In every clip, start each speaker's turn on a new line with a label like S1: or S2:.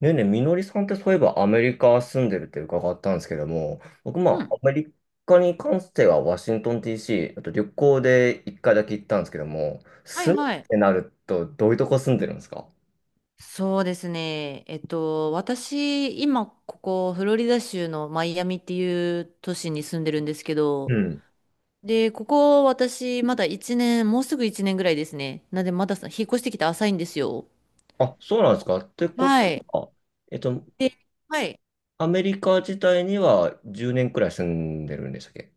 S1: ねえねえ、みのりさんってそういえばアメリカ住んでるって伺ったんですけども、僕ま
S2: う
S1: あ
S2: ん。
S1: アメリカに関してはワシントン DC、あと旅行で一回だけ行ったんですけども、
S2: はい
S1: 住むっ
S2: はい。
S1: てなるとどういうとこ住んでるんですか？
S2: そうですね。私、今、ここ、フロリダ州のマイアミっていう都市に住んでるんですけ
S1: う
S2: ど、
S1: ん。
S2: で、ここ、私、まだ1年、もうすぐ1年ぐらいですね。なんで、まださ引っ越してきて浅いんですよ。
S1: あ、そうなんですかってこ
S2: はい。
S1: と、あ、えっと、
S2: で、はい。
S1: アメリカ自体には10年くらい住んでるんでしたっけ？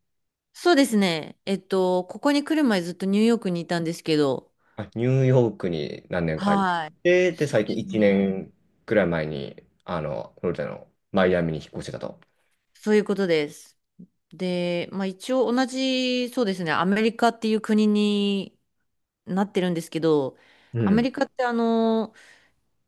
S2: そうですね。ここに来る前ずっとニューヨークにいたんですけど、
S1: あ、ニューヨークに何年か行っ
S2: はい。
S1: て、で、
S2: そう
S1: 最
S2: で
S1: 近
S2: す
S1: 1
S2: ね。
S1: 年くらい前に、フロリダのマイアミに引っ越してたと。
S2: そういうことです。で、まあ一応同じ、そうですね、アメリカっていう国になってるんですけど、
S1: う
S2: アメ
S1: ん。
S2: リカって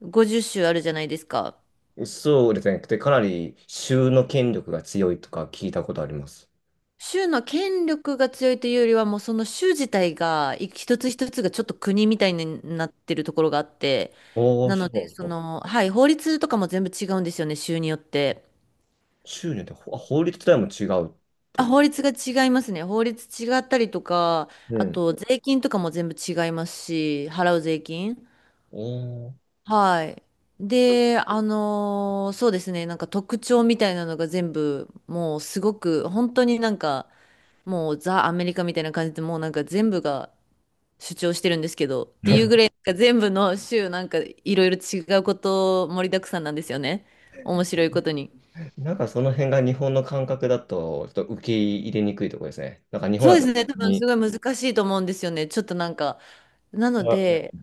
S2: 50州あるじゃないですか。
S1: そうですね。で、かなり州の権力が強いとか聞いたことあります。
S2: 州の権力が強いというよりは、もうその州自体が、一つ一つがちょっと国みたいになってるところがあって、
S1: おー、
S2: なの
S1: そうな
S2: で、
S1: んですか。
S2: はい、法律とかも全部違うんですよね、州によって。
S1: 州によって法律自体も違うって
S2: あ、
S1: こ
S2: 法
S1: と？
S2: 律が違いますね。法律違ったりとか、
S1: う
S2: あ
S1: ん。
S2: と税金とかも全部違いますし、払う税金。
S1: おー。
S2: はい。で、そうですね、なんか特徴みたいなのが全部、もうすごく、本当になんか、もうザ・アメリカみたいな感じで、もうなんか全部が主張してるんですけど、っていうぐらい、なんか全部の州、なんかいろいろ違うこと盛りだくさんなんですよね。面白いことに。
S1: なんかその辺が日本の感覚だと、ちょっと受け入れにくいところですね。なんか日本
S2: そう
S1: だ
S2: で
S1: と、
S2: すね、多分す
S1: に
S2: ごい難しいと思うんですよね。ちょっとなんか、なの
S1: あ、う
S2: で、
S1: ん、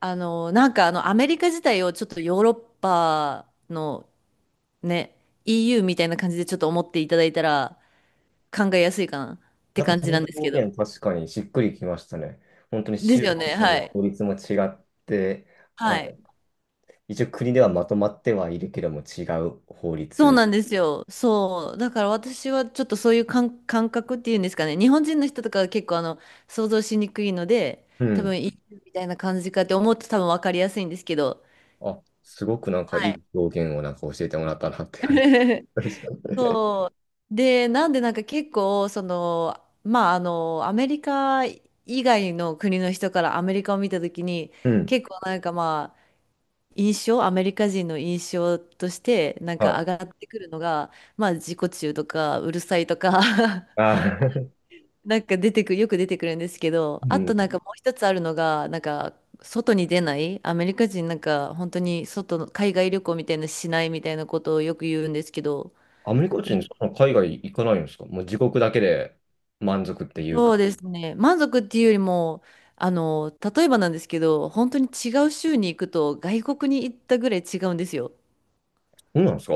S2: なんかアメリカ自体をちょっとヨーロッパのね、EU みたいな感じでちょっと思っていただいたら考えやすいかなって
S1: なんか
S2: 感
S1: そ
S2: じ
S1: の
S2: なんですけど。
S1: 表現確かにしっくりきましたね。本当に
S2: です
S1: 州
S2: よ
S1: ご
S2: ね、
S1: と
S2: は
S1: に
S2: い。
S1: 法律も違って、あ、
S2: はい。
S1: 一応国ではまとまってはいるけども違う法
S2: そう
S1: 律。
S2: なんですよ。そう。だから私はちょっとそういう感覚っていうんですかね。日本人の人とかは結構想像しにくいので、
S1: う
S2: 多
S1: ん。
S2: 分 EU みたいな感じかって思うと多分分かりやすいんですけど。
S1: あ、すごくなんかい
S2: はい。
S1: い表現をなんか教えてもらったなって感じ です。
S2: そう。で、なんでなんか結構、まあ、アメリカ以外の国の人からアメリカを見たときに、
S1: うん。
S2: 結構なんかまあ、印象、アメリカ人の印象として、なん
S1: は
S2: か上
S1: い。
S2: がってくるのが、まあ、自己中とか、うるさいとか
S1: あー。
S2: なんか出てくる、よく出てくるんですけど、
S1: う
S2: あとなん
S1: ん。
S2: かもう一つあるのが、なんか、外に出ない、アメリカ人なんか、本当に外の、海外旅行みたいなのしないみたいなことをよく言うんですけど、
S1: アメリカ人、そんな海外行かないんですか？もう自国だけで満足っていう
S2: そう
S1: か。
S2: ですね。満足っていうよりも、あの、例えばなんですけど、本当に違う州に行くと外国に行ったぐらい違うんですよ。
S1: そうなんですか？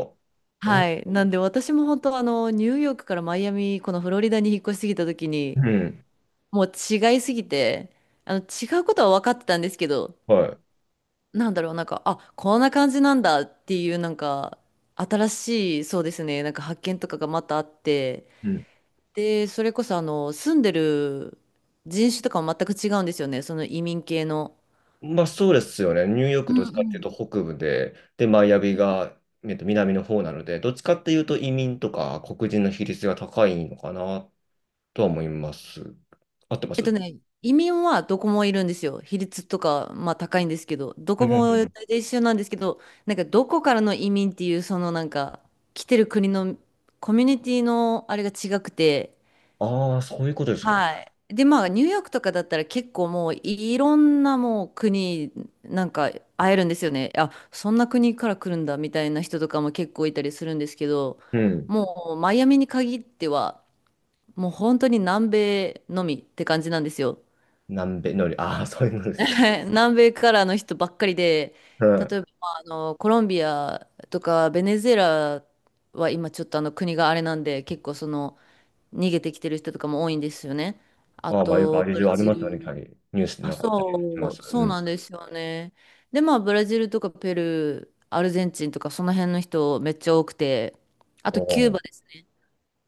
S2: は
S1: お、
S2: い。なんで私も本当ニューヨークからマイアミ、このフロリダに引っ越しすぎた時
S1: う
S2: に、
S1: ん。
S2: もう違いすぎて、違うことは分かってたんですけど、
S1: はい。
S2: なんだろう、なんか、あ、こんな感じなんだっていう、なんか、新しい、そうですね、なんか発見とかがまたあって、
S1: うん。
S2: で、それこそ住んでる人種とかも全く違うんですよね。その移民系の。
S1: まあそうですよね。ニューヨー
S2: う
S1: ク
S2: ん
S1: どっちかっ
S2: う
S1: ていうと
S2: ん。
S1: 北部で、マイアミが、南の方なので、どっちかっていうと移民とか黒人の比率が高いのかなとは思います。合ってます？
S2: 移民はどこもいるんですよ。比率とか、まあ高いんですけど、ど
S1: う
S2: こも大
S1: ん。
S2: 体一緒なんですけど、なんかどこからの移民っていう、なんか、来てる国のコミュニティのあれが違くて、
S1: ああ、そういうことですか。
S2: はい。で、まあ、ニューヨークとかだったら結構もういろんなもう国なんか会えるんですよね。あ、そんな国から来るんだみたいな人とかも結構いたりするんですけど、
S1: うん。
S2: もうマイアミに限ってはもう本当に南米のみって感じなんですよ。
S1: 南米のり、ああ、そういうのですか。
S2: 南米からの人ばっかりで、
S1: う
S2: 例え
S1: ん。
S2: ばまあコロンビアとかベネズエラは今ちょっとあの国があれなんで結構逃げてきてる人とかも多いんですよね。あ
S1: ああ、まあ、よくあ
S2: と
S1: れ以
S2: ブラ
S1: 上あり
S2: ジ
S1: ますよね、キャ
S2: ル、
S1: リー。ニュースで
S2: あ、
S1: なんかありま
S2: そ
S1: す。
S2: う、
S1: う
S2: そう
S1: ん。
S2: なんですよね。で、まあ、ブラジルとかペルー、アルゼンチンとか、その辺の人めっちゃ多くて、あ
S1: お
S2: とキュー
S1: ー。
S2: バですね。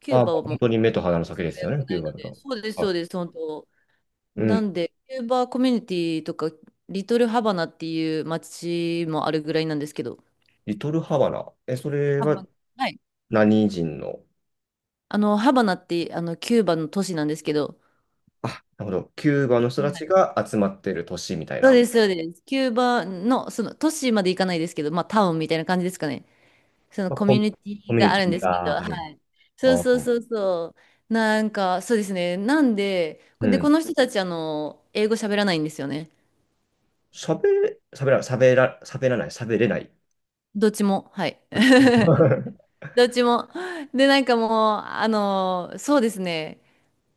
S2: キュ
S1: あ
S2: ー
S1: あ、まあ
S2: バは
S1: 本
S2: もう、
S1: 当に目と鼻の
S2: 情
S1: 先で
S2: 勢が
S1: す
S2: 良
S1: よ
S2: く
S1: ね、キ
S2: な
S1: ュー
S2: い
S1: バ
S2: の
S1: だ
S2: で、
S1: と。
S2: そうです、そ
S1: は
S2: う
S1: い。
S2: です、本当。
S1: う
S2: な
S1: ん。
S2: んで、キューバコミュニティとか、リトルハバナっていう街もあるぐらいなんですけど、
S1: リトルハバナ。え、それ
S2: ハバ
S1: は
S2: ナ、はい。
S1: 何人の、
S2: ハバナって、キューバの都市なんですけど、
S1: あ、なるほど。キューバの人た
S2: は
S1: ち
S2: い、
S1: が集まってる都市みたい
S2: そう
S1: な、
S2: です、そうです。キューバの、都市まで行かないですけど、まあ、タウンみたいな感じですかね。その
S1: まあ、
S2: コミュニテ
S1: コ
S2: ィ
S1: ミュ
S2: が
S1: ニ
S2: あ
S1: テ
S2: るん
S1: ィ
S2: ですけど、
S1: がある。
S2: はい。そう
S1: ああ、
S2: そうそうそう。なんか、そうですね。なんで、
S1: う
S2: で、こ
S1: ん。
S2: の人たち、英語喋らないんですよね。
S1: 喋れ、喋ら、喋ら、喋らない、喋れない。
S2: どっちも。はい。
S1: こっち。
S2: どっちも。で、なんかもう、そうですね。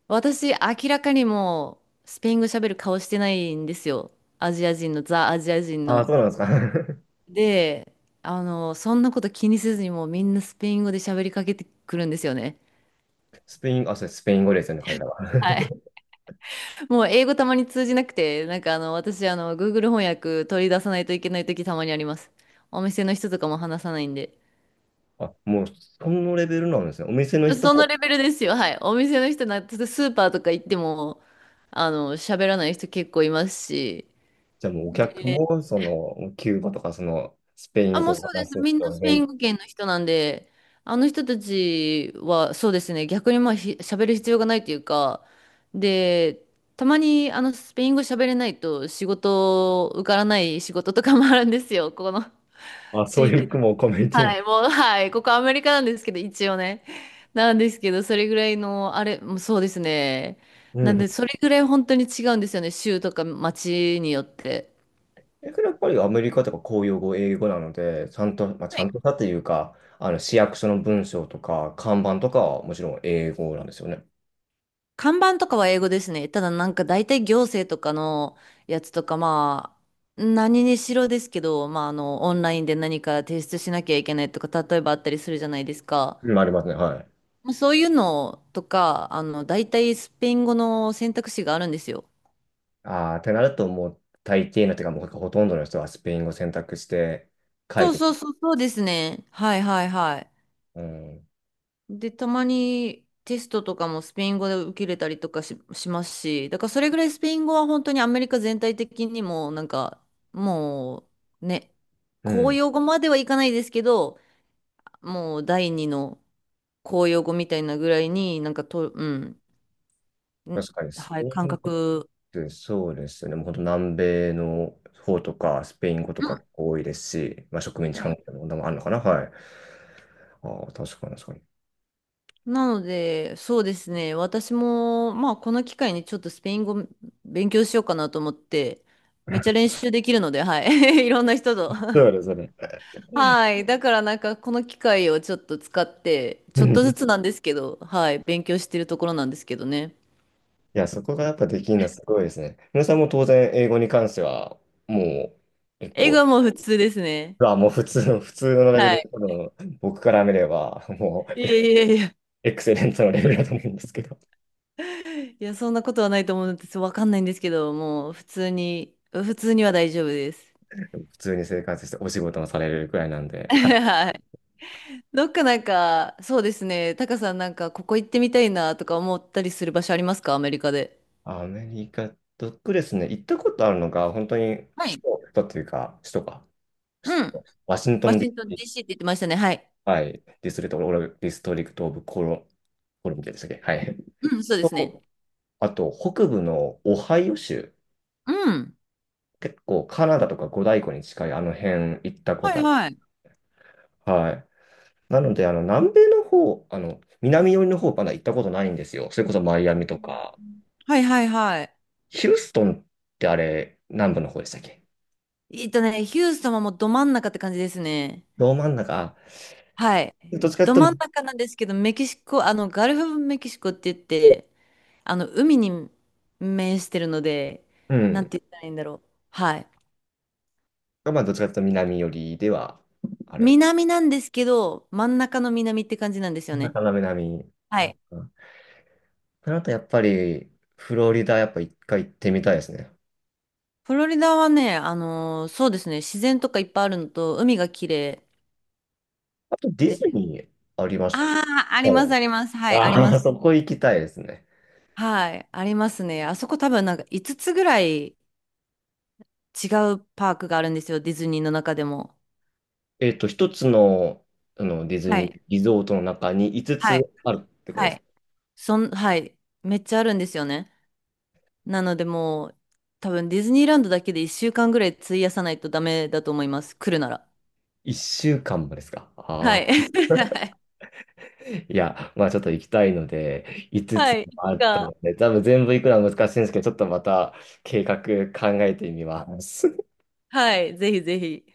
S2: 私、明らかにもう、スペイン語喋る顔してないんですよ。アジア人の、ザ・アジア人
S1: ああ、
S2: の。
S1: そうなんですか。
S2: で、そんなこと気にせずに、もうみんなスペイン語で喋りかけてくるんですよね。
S1: スペイン、あ、それスペイン語ですよね、彼らは？
S2: はい、もう英語たまに通じなくて、なんか私、Google 翻訳取り出さないといけない時たまにあります。お店の人とかも話さないんで。
S1: あ、もうそのレベルなんですね。お店の人
S2: そ
S1: も、
S2: のレベルですよ、はい。お店の人な、スーパーとか行っても、喋らない人結構いますし。
S1: じゃあもうお客
S2: で、
S1: も、その、キューバとか、その、スペイ
S2: あ、
S1: ン
S2: も
S1: 語
S2: う
S1: を
S2: そうで
S1: 話
S2: す。
S1: す
S2: みんな
S1: 人
S2: スペイン
S1: 全、
S2: 語圏の人なんで、あの人たちは、そうですね、逆にまあ、喋る必要がないというか、で、たまにスペイン語喋れないと仕事受からない仕事とかもあるんですよ。ここの
S1: あ、そう
S2: 地
S1: い
S2: 域
S1: う、
S2: だ。
S1: もうコミュニティな。
S2: はい、もう、はい、ここアメリカなんですけど、一応ね。なんですけど、それぐらいの、あれ、もうそうですね。
S1: う
S2: なんで、
S1: ん。
S2: それぐらい本当に違うんですよね、州とか町によって。
S1: だからやっぱりアメリカとか公用語、英語なので、ちゃんと、まあ、ち
S2: は
S1: ゃん
S2: い、
S1: としたというか、あの、市役所の文章とか、看板とかはもちろん英語なんですよね。
S2: 看板とかは英語ですね。ただなんか大体行政とかのやつとかまあ何にしろですけど、まあオンラインで何か提出しなきゃいけないとか例えばあったりするじゃないですか。
S1: うん、ありますね。はい。
S2: まあそういうのとか、大体スペイン語の選択肢があるんですよ。
S1: ああ、ってなると、もう、大抵のというか、もうほとんどの人はスペイン語選択して書
S2: そ
S1: い
S2: う
S1: てる。
S2: そうそう、そうですね。はいはいはい。
S1: うん。
S2: で、たまにテストとかもスペイン語で受けれたりとかしますし、だからそれぐらいスペイン語は本当にアメリカ全体的にも、なんか、もうね、
S1: う
S2: 公
S1: ん。
S2: 用語まではいかないですけど、もう第二の公用語みたいなぐらいになんかと、うん、ん、
S1: 確かに、ス
S2: は
S1: ペ
S2: い、感
S1: イン語
S2: 覚、
S1: でそうですね。もう本当南米の方とか、スペイン語と
S2: う
S1: か
S2: ん、
S1: 多いですし、まあ、植民地
S2: は
S1: 関
S2: い、
S1: 係の問題もあるのかな。はい。ああ、確かに確かに。
S2: なので、そうですね。私も、まあ、この機会にちょっとスペイン語勉強しようかなと思って、めっちゃ練 習できるので、はい。いろんな人と。
S1: そうですね。
S2: はい。だからなんか、この機会をちょっと使って、
S1: う
S2: ちょっとず
S1: ん。
S2: つ なんですけど、はい。勉強してるところなんですけどね。
S1: いや、そこがやっぱできるのはすごいですね。皆さんも当然、英語に関しては、もう結
S2: 英語
S1: 構、
S2: はもう普通ですね。
S1: あ、もう普通の、レベ
S2: は
S1: ル、
S2: い。
S1: 多分僕から見れば、も
S2: いや
S1: う
S2: いやいや。
S1: エクセレントのレベルだと思うんですけど、
S2: いや、そんなことはないと思うんです。わかんないんですけど、もう普通に、普通には大丈夫です。
S1: 普通に生活してお仕事もされるくらいなんで、はい。
S2: はい。どっかなんか、そうですね、タカさんなんか、ここ行ってみたいなとか思ったりする場所ありますかアメリカで。
S1: アメリカとですね、行ったことあるのが、本当に首
S2: はい。
S1: 都、首都というか、首都か、首
S2: うん。
S1: 都ワシント
S2: ワ
S1: ン
S2: シントン DC って言ってましたね。はい。
S1: DC、はい、ディストリクト、オブディストリクト・オブ・コロンビアでしたっけ？はい。
S2: うん、そうですね。
S1: とあと、北部のオハイオ州、
S2: うん。
S1: 結構カナダとか五大湖に近いあの辺行ったこ
S2: は
S1: と
S2: い
S1: ある。
S2: はい。
S1: はい。なので、南米の方、南寄りの方まだ行ったことないんですよ。それこそマイアミとか。
S2: はいはいはい。
S1: ヒューストンってあれ、南部の方でしたっけ？
S2: ヒューストンはもうど真ん中って感じですね。
S1: ど真ん中、あ、
S2: はい。
S1: どっちか
S2: ど
S1: という
S2: 真
S1: と、
S2: ん中なんですけど、メキシコ、ガルフ・メキシコって言って、海に面してるので、
S1: う
S2: なん
S1: ん。
S2: て言ったらいいんだろう。はい。
S1: まあ、どっちかというと南寄りではある。
S2: 南なんですけど、真ん中の南って感じなんですよ
S1: な
S2: ね。
S1: かなか南。
S2: は
S1: あ
S2: い、
S1: あ。ん。それあとやっぱり、フロリダやっぱ一回行ってみたいですね。
S2: フロリダはね、そうですね、自然とかいっぱいあるのと、海が綺麗
S1: あとディズ
S2: で、
S1: ニーありまし
S2: ああ、あ
S1: た
S2: ります、
S1: よ。
S2: あります。はい、ありま
S1: あ
S2: す。
S1: あ、そこ行きたいですね。
S2: はい、ありますね。あそこ多分なんか5つぐらい違うパークがあるんですよ、ディズニーの中でも。
S1: 一つの、あのディズ
S2: は
S1: ニー
S2: い、
S1: リゾートの中に5つ
S2: はい、
S1: つあるってこと
S2: は
S1: で
S2: い。
S1: す。
S2: はい、めっちゃあるんですよね。なのでもう、多分ディズニーランドだけで1週間ぐらい費やさないとダメだと思います、来るなら。
S1: 1週間もですか。
S2: は
S1: あ
S2: い。
S1: あ。
S2: はい。
S1: いや、まあちょっと行きたいので、5
S2: は
S1: つつ
S2: い。い
S1: もあ
S2: つ
S1: ったの
S2: か、
S1: で、多分全部行くのは難しいんですけど、ちょっとまた計画考えてみます。
S2: はい、ぜひぜひ。